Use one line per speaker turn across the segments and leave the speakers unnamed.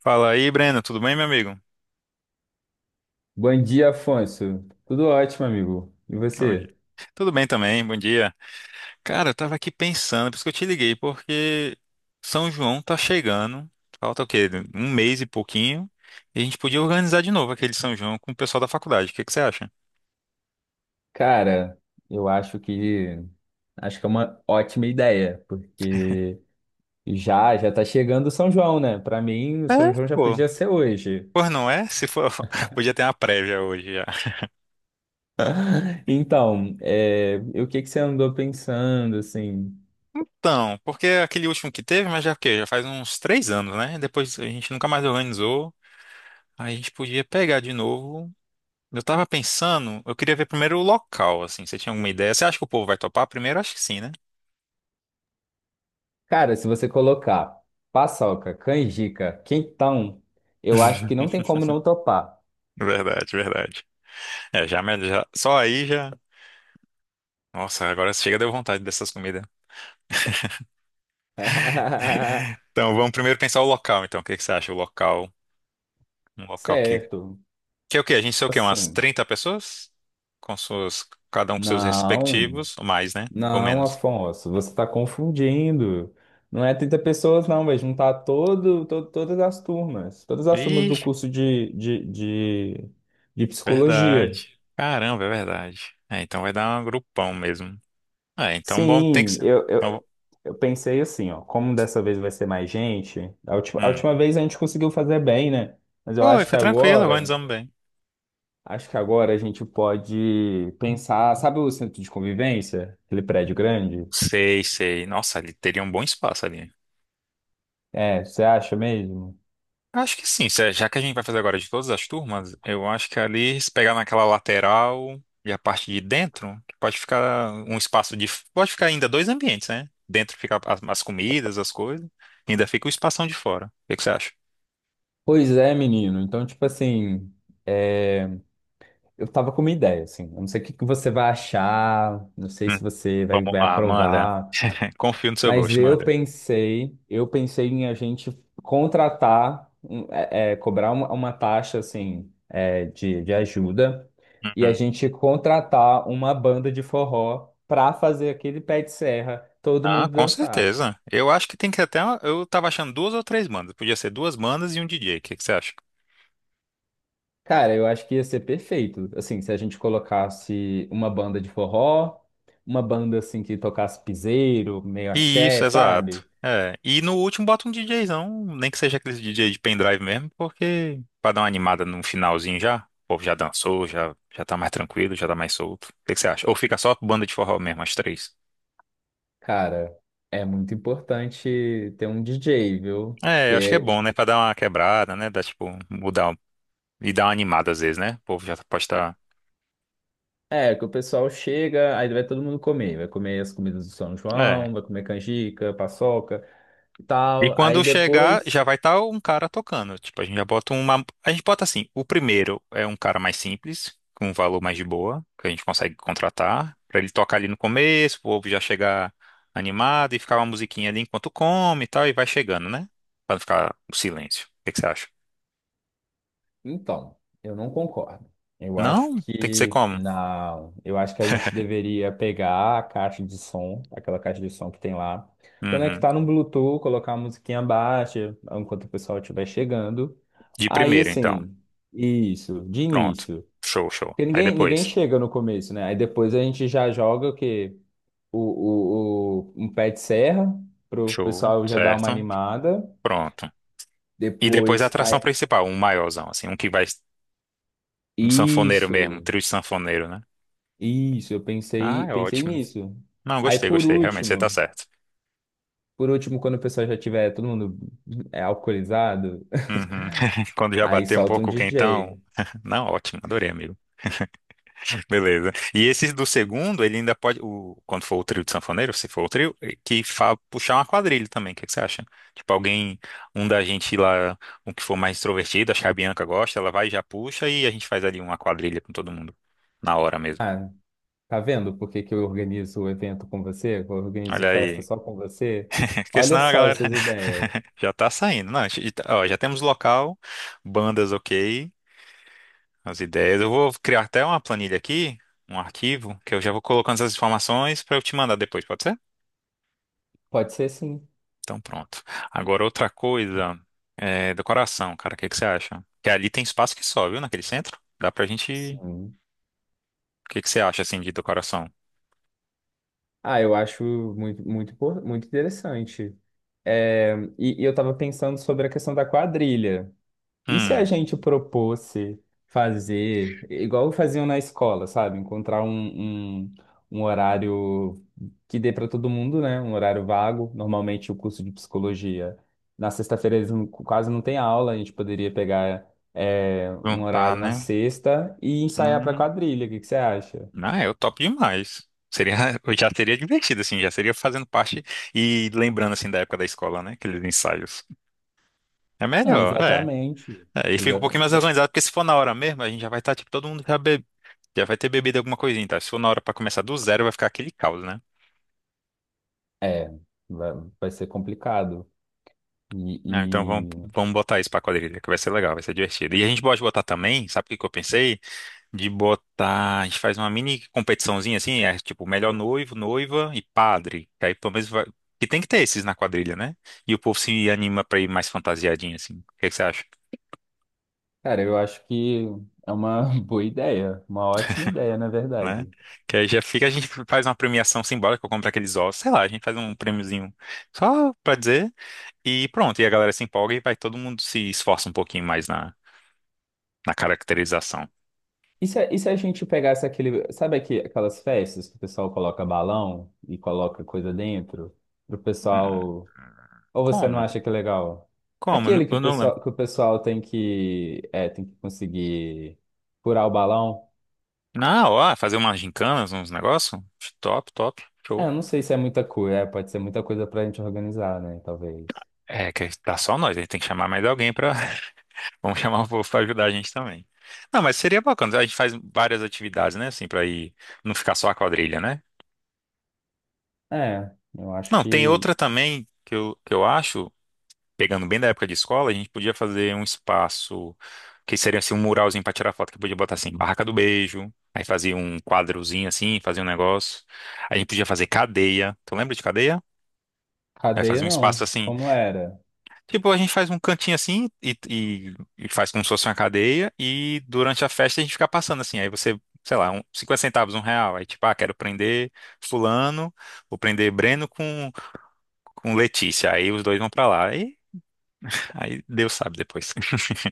Fala aí, Breno, tudo bem, meu amigo?
Bom dia, Afonso. Tudo ótimo, amigo. E
Bom dia.
você?
Tudo bem também, bom dia. Cara, eu tava aqui pensando, por isso que eu te liguei, porque São João tá chegando, falta o quê? Um mês e pouquinho, e a gente podia organizar de novo aquele São João com o pessoal da faculdade, o que que você acha?
Cara, eu acho que é uma ótima ideia, porque já já tá chegando o São João, né? Pra mim, o
É,
São João já
pô.
podia ser hoje.
Pois não é? Se for, podia ter uma prévia hoje já.
Então, é, e o que que você andou pensando, assim?
Então, porque aquele último que teve, mas já o quê? Já faz uns 3 anos, né? Depois a gente nunca mais organizou. Aí a gente podia pegar de novo. Eu tava pensando, eu queria ver primeiro o local, assim. Você tinha alguma ideia? Você acha que o povo vai topar? Primeiro, acho que sim, né?
Cara, se você colocar paçoca, canjica, quentão, eu acho que não tem como não topar.
Verdade, verdade. É, já, só aí já. Nossa, agora chega deu vontade dessas comidas. Então, vamos primeiro pensar o local, então. O que que você acha? O local, um local que.
Certo.
Que é o quê? A gente sei o quê? Umas
Assim,
30 pessoas? Com suas. Cada um com seus
não.
respectivos, ou mais, né? Ou
Não,
menos.
Afonso, você está confundindo. Não é 30 pessoas, não, vai juntar todo, todas as turmas. Todas as turmas do
Ixi,
curso de
verdade.
psicologia.
Caramba, é verdade. É, então vai dar um grupão mesmo. É, então bom, tem que
Sim,
ser. Então,
eu pensei assim, ó, como dessa vez vai ser mais gente, a
hum.
última vez a gente conseguiu fazer bem, né? Mas eu
Foi, foi tranquilo, organizamos bem.
acho que agora a gente pode pensar, sabe o centro de convivência? Aquele prédio grande?
Sei, sei. Nossa, ali teria um bom espaço ali.
É, você acha mesmo?
Acho que sim, é, já que a gente vai fazer agora de todas as turmas, eu acho que ali, se pegar naquela lateral e a parte de dentro, pode ficar um espaço de. Pode ficar ainda dois ambientes, né? Dentro fica as comidas, as coisas, e ainda fica o espação de fora. O que que você acha?
Pois é, menino. Então, tipo assim, é, eu tava com uma ideia, assim. Eu não sei o que que você vai achar, não sei
Hum,
se
vamos
vai
lá, manda.
aprovar,
Confio no seu
mas
gosto, manda.
eu pensei em a gente contratar, cobrar uma taxa, assim, é, de ajuda e a
Uhum.
gente contratar uma banda de forró pra fazer aquele pé de serra, todo
Ah,
mundo
com
dançar.
certeza. Eu acho que tem que até. Eu tava achando duas ou três bandas. Podia ser duas bandas e um DJ. O que que você acha?
Cara, eu acho que ia ser perfeito. Assim, se a gente colocasse uma banda de forró, uma banda assim que tocasse piseiro, meio
Isso,
axé,
exato.
sabe?
É. E no último bota um DJzão, nem que seja aquele DJ de pendrive mesmo, porque pra dar uma animada no finalzinho já, o povo já dançou, já, já tá mais tranquilo, já tá mais solto. O que que você acha? Ou fica só banda de forró mesmo, as três?
Cara, é muito importante ter um DJ, viu?
É, eu acho que é
Porque
bom, né? Pra dar uma quebrada, né? Dar, tipo, e dar uma animada às vezes, né? O povo já pode estar.
é que o pessoal chega, aí vai todo mundo comer, vai comer as comidas do São João, vai comer canjica, paçoca e
E
tal. Aí
quando chegar,
depois
já vai estar um cara tocando. Tipo, a gente já bota uma. A gente bota assim: o primeiro é um cara mais simples, com um valor mais de boa, que a gente consegue contratar, pra ele tocar ali no começo, o povo já chegar animado e ficar uma musiquinha ali enquanto come e tal, e vai chegando, né? Pra não ficar o silêncio. O que que você acha?
então, eu não concordo.
Não, tem que ser como?
Eu acho que a gente deveria pegar a caixa de som, aquela caixa de som que tem lá,
Uhum.
conectar no Bluetooth, colocar a musiquinha baixa enquanto o pessoal estiver chegando.
De
Aí,
primeiro, então.
assim, isso, de
Pronto.
início.
Show, show.
Porque
Aí
ninguém
depois.
chega no começo, né? Aí depois a gente já joga o quê? Um pé de serra pro
Show,
pessoal já dar uma
certo?
animada.
Pronto. E depois a
Depois, aí,
atração principal, um maiorzão, assim, um que vai. Um sanfoneiro mesmo, um
isso.
trio de sanfoneiro, né?
Isso,
Ah, é
pensei
ótimo.
nisso.
Não,
Aí
gostei,
por
gostei. Realmente, você tá
último,
certo.
por último, quando o pessoal já tiver todo mundo é, alcoolizado,
Uhum. Quando já
aí
bater um
solta um
pouco o quentão.
DJ.
Não, ótimo, adorei, amigo. Beleza. E esse do segundo, ele ainda pode, o, quando for o trio de sanfoneiro, se for o trio, que fa, puxar uma quadrilha também, o que, que você acha? Tipo, alguém, um da gente lá, um que for mais extrovertido, acho que a Bianca gosta, ela vai e já puxa e a gente faz ali uma quadrilha com todo mundo, na hora mesmo.
Ah, tá vendo por que que eu organizo o evento com você? Eu organizo
Olha
festa
aí.
só com você?
Porque
Olha
senão a
só
galera
essas ideias.
já tá saindo. Não, a gente ó, já temos local, bandas ok, as ideias. Eu vou criar até uma planilha aqui, um arquivo, que eu já vou colocando essas informações para eu te mandar depois, pode ser?
Pode ser sim.
Então pronto. Agora outra coisa, é, decoração, cara, o que que você acha? Que ali tem espaço que só, viu, naquele centro? Dá pra gente.
Sim.
O que que você acha assim de decoração?
Ah, eu acho muito interessante. É, e eu tava pensando sobre a questão da quadrilha. E se a
Hum,
gente propôsse fazer, igual faziam na escola, sabe? Encontrar um, um horário que dê para todo mundo, né? Um horário vago. Normalmente o curso de psicologia, na sexta-feira eles não- quase não tem aula, a gente poderia pegar é, um
juntar,
horário na
né?
sexta e ensaiar para
Hum.
quadrilha. O que que você acha?
Ah, eu topo demais. Seria, eu já teria divertido, assim, já seria fazendo parte e lembrando, assim, da época da escola, né? Aqueles ensaios. É
Não,
melhor, é.
exatamente.
É, e fica um pouquinho mais
Exatamente.
organizado, porque se for na hora mesmo, a gente já vai estar, tipo, todo mundo já, be... já vai ter bebido alguma coisinha, tá? Se for na hora pra começar do zero, vai ficar aquele caos, né?
É, vai, vai ser complicado.
Ah, então vamos,
E,
vamos botar isso pra quadrilha, que vai ser legal, vai ser divertido. E a gente pode botar também, sabe o que que eu pensei? De botar. A gente faz uma mini competiçãozinha assim, é tipo melhor noivo, noiva e padre. Que aí pelo menos vai. Que tem que ter esses na quadrilha, né? E o povo se anima pra ir mais fantasiadinho, assim. O que que você acha?
cara, eu acho que é uma boa ideia, uma ótima ideia, na
Né?
verdade.
Que aí já fica, a gente faz uma premiação simbólica, eu compro aqueles ossos, sei lá, a gente faz um prêmiozinho só pra dizer. E pronto, e a galera se empolga e vai todo mundo se esforça um pouquinho mais na, na caracterização.
E se a gente pegasse aquele, sabe aqui, aquelas festas que o pessoal coloca balão e coloca coisa dentro, pro
Hum,
pessoal, ou você não
como?
acha que é legal?
Como?
Aquele que
Eu não lembro.
que o pessoal tem que, é, tem que conseguir furar o balão.
Na hora, fazer umas gincana, uns negócios? Top, top.
É,
Show.
eu não sei se é muita coisa, é, pode ser muita coisa pra gente organizar, né, talvez.
É, que tá só nós, aí tem que chamar mais alguém pra. Vamos chamar o povo pra ajudar a gente também. Não, mas seria bacana. A gente faz várias atividades, né? Assim, pra ir. Não ficar só a quadrilha, né?
É, eu acho
Não, tem
que
outra também que eu acho, pegando bem da época de escola, a gente podia fazer um espaço que seria assim um muralzinho pra tirar foto, que podia botar assim, barraca do beijo. Aí fazia um quadrozinho assim, fazia um negócio. A gente podia fazer cadeia. Tu lembra de cadeia? Aí
cadeia
fazia um espaço
não,
assim.
como era?
Tipo, a gente faz um cantinho assim e faz como se fosse uma cadeia e durante a festa a gente fica passando assim. Aí você, sei lá, um, 50 centavos, um real. Aí tipo, ah, quero prender fulano, vou prender Breno com Letícia. Aí os dois vão pra lá. E aí Deus sabe depois.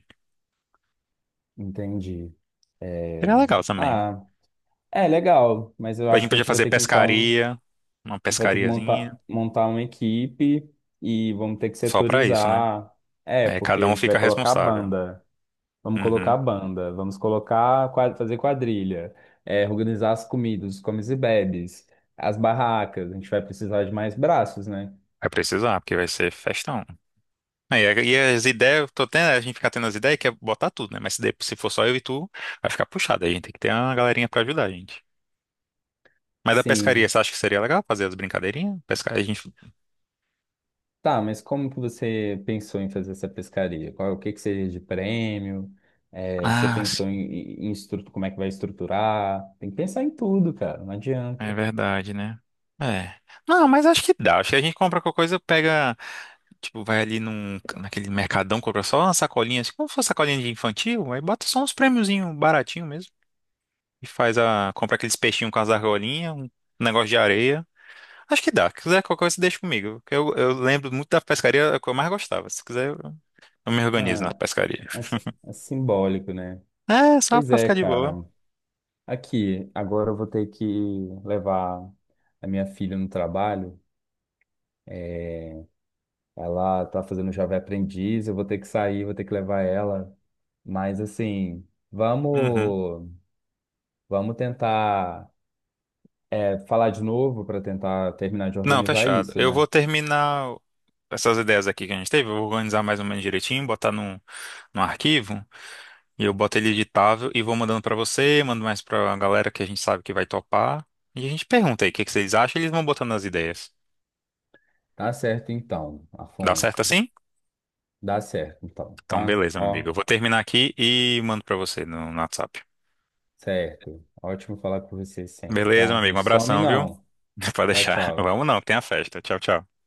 Entendi. É,
Seria legal também.
ah, é legal, mas eu
A
acho
gente
que a
podia
gente vai
fazer
ter que então, a
pescaria, uma
gente vai ter que montar,
pescariazinha,
montar uma equipe e vamos ter que
só pra isso, né?
setorizar. É,
Aí
porque
cada
a
um
gente vai
fica
colocar a
responsável.
banda, vamos colocar a
Uhum.
banda, vamos colocar, fazer quadrilha, é, organizar as comidas, os comes e bebes, as barracas, a gente vai precisar de mais braços, né?
Vai precisar, porque vai ser festão. Aí, é, e as ideias, tô tendo, a gente fica tendo as ideias que é botar tudo, né? Mas se, se for só eu e tu, vai ficar puxado. Aí a gente tem que ter uma galerinha pra ajudar a gente. Mas da pescaria,
Sim.
você acha que seria legal fazer as brincadeirinhas? Pescar, a gente.
Tá, mas como que você pensou em fazer essa pescaria? Qual, o que que seria de prêmio? É, você
Ah,
pensou
sim,
em como é que vai estruturar? Tem que pensar em tudo, cara, não
é
adianta.
verdade, né? É. Não, mas acho que dá. Acho que a gente compra qualquer coisa, pega, tipo, vai ali num, naquele mercadão, compra só uma sacolinha, assim, como se fosse sacolinha de infantil, aí bota só uns prêmiozinhos baratinho mesmo. E faz a. Compra aqueles peixinhos com as argolinhas, um negócio de areia. Acho que dá. Se quiser qualquer coisa, deixa comigo. Que Eu lembro muito da pescaria, é que eu mais gostava. Se quiser, eu me organizo na
Ah,
pescaria.
é, é simbólico, né?
É, só
Pois
pra
é,
ficar de boa.
cara. Aqui, agora eu vou ter que levar a minha filha no trabalho. Ela tá fazendo Jovem Aprendiz, eu vou ter que sair, vou ter que levar ela. Mas assim,
Uhum.
vamos, vamos tentar. É, falar de novo para tentar terminar de
Não,
organizar
fechado.
isso,
Eu vou
né?
terminar essas ideias aqui que a gente teve, eu vou organizar mais ou menos direitinho, botar num, num arquivo, e eu boto ele editável e vou mandando pra você, mando mais pra galera que a gente sabe que vai topar. E a gente pergunta aí o que que vocês acham, e eles vão botando as ideias.
Tá certo então,
Dá certo
Afonso.
assim?
Dá certo então,
Então,
tá?
beleza, meu amigo. Eu
Ó,
vou terminar aqui e mando pra você no WhatsApp.
certo. Ótimo falar com você sempre,
Beleza, meu
tá? Não
amigo. Um
some
abração, viu?
não.
Pode
Tchau,
deixar.
tchau.
Vamos não, tem a festa. Tchau, tchau.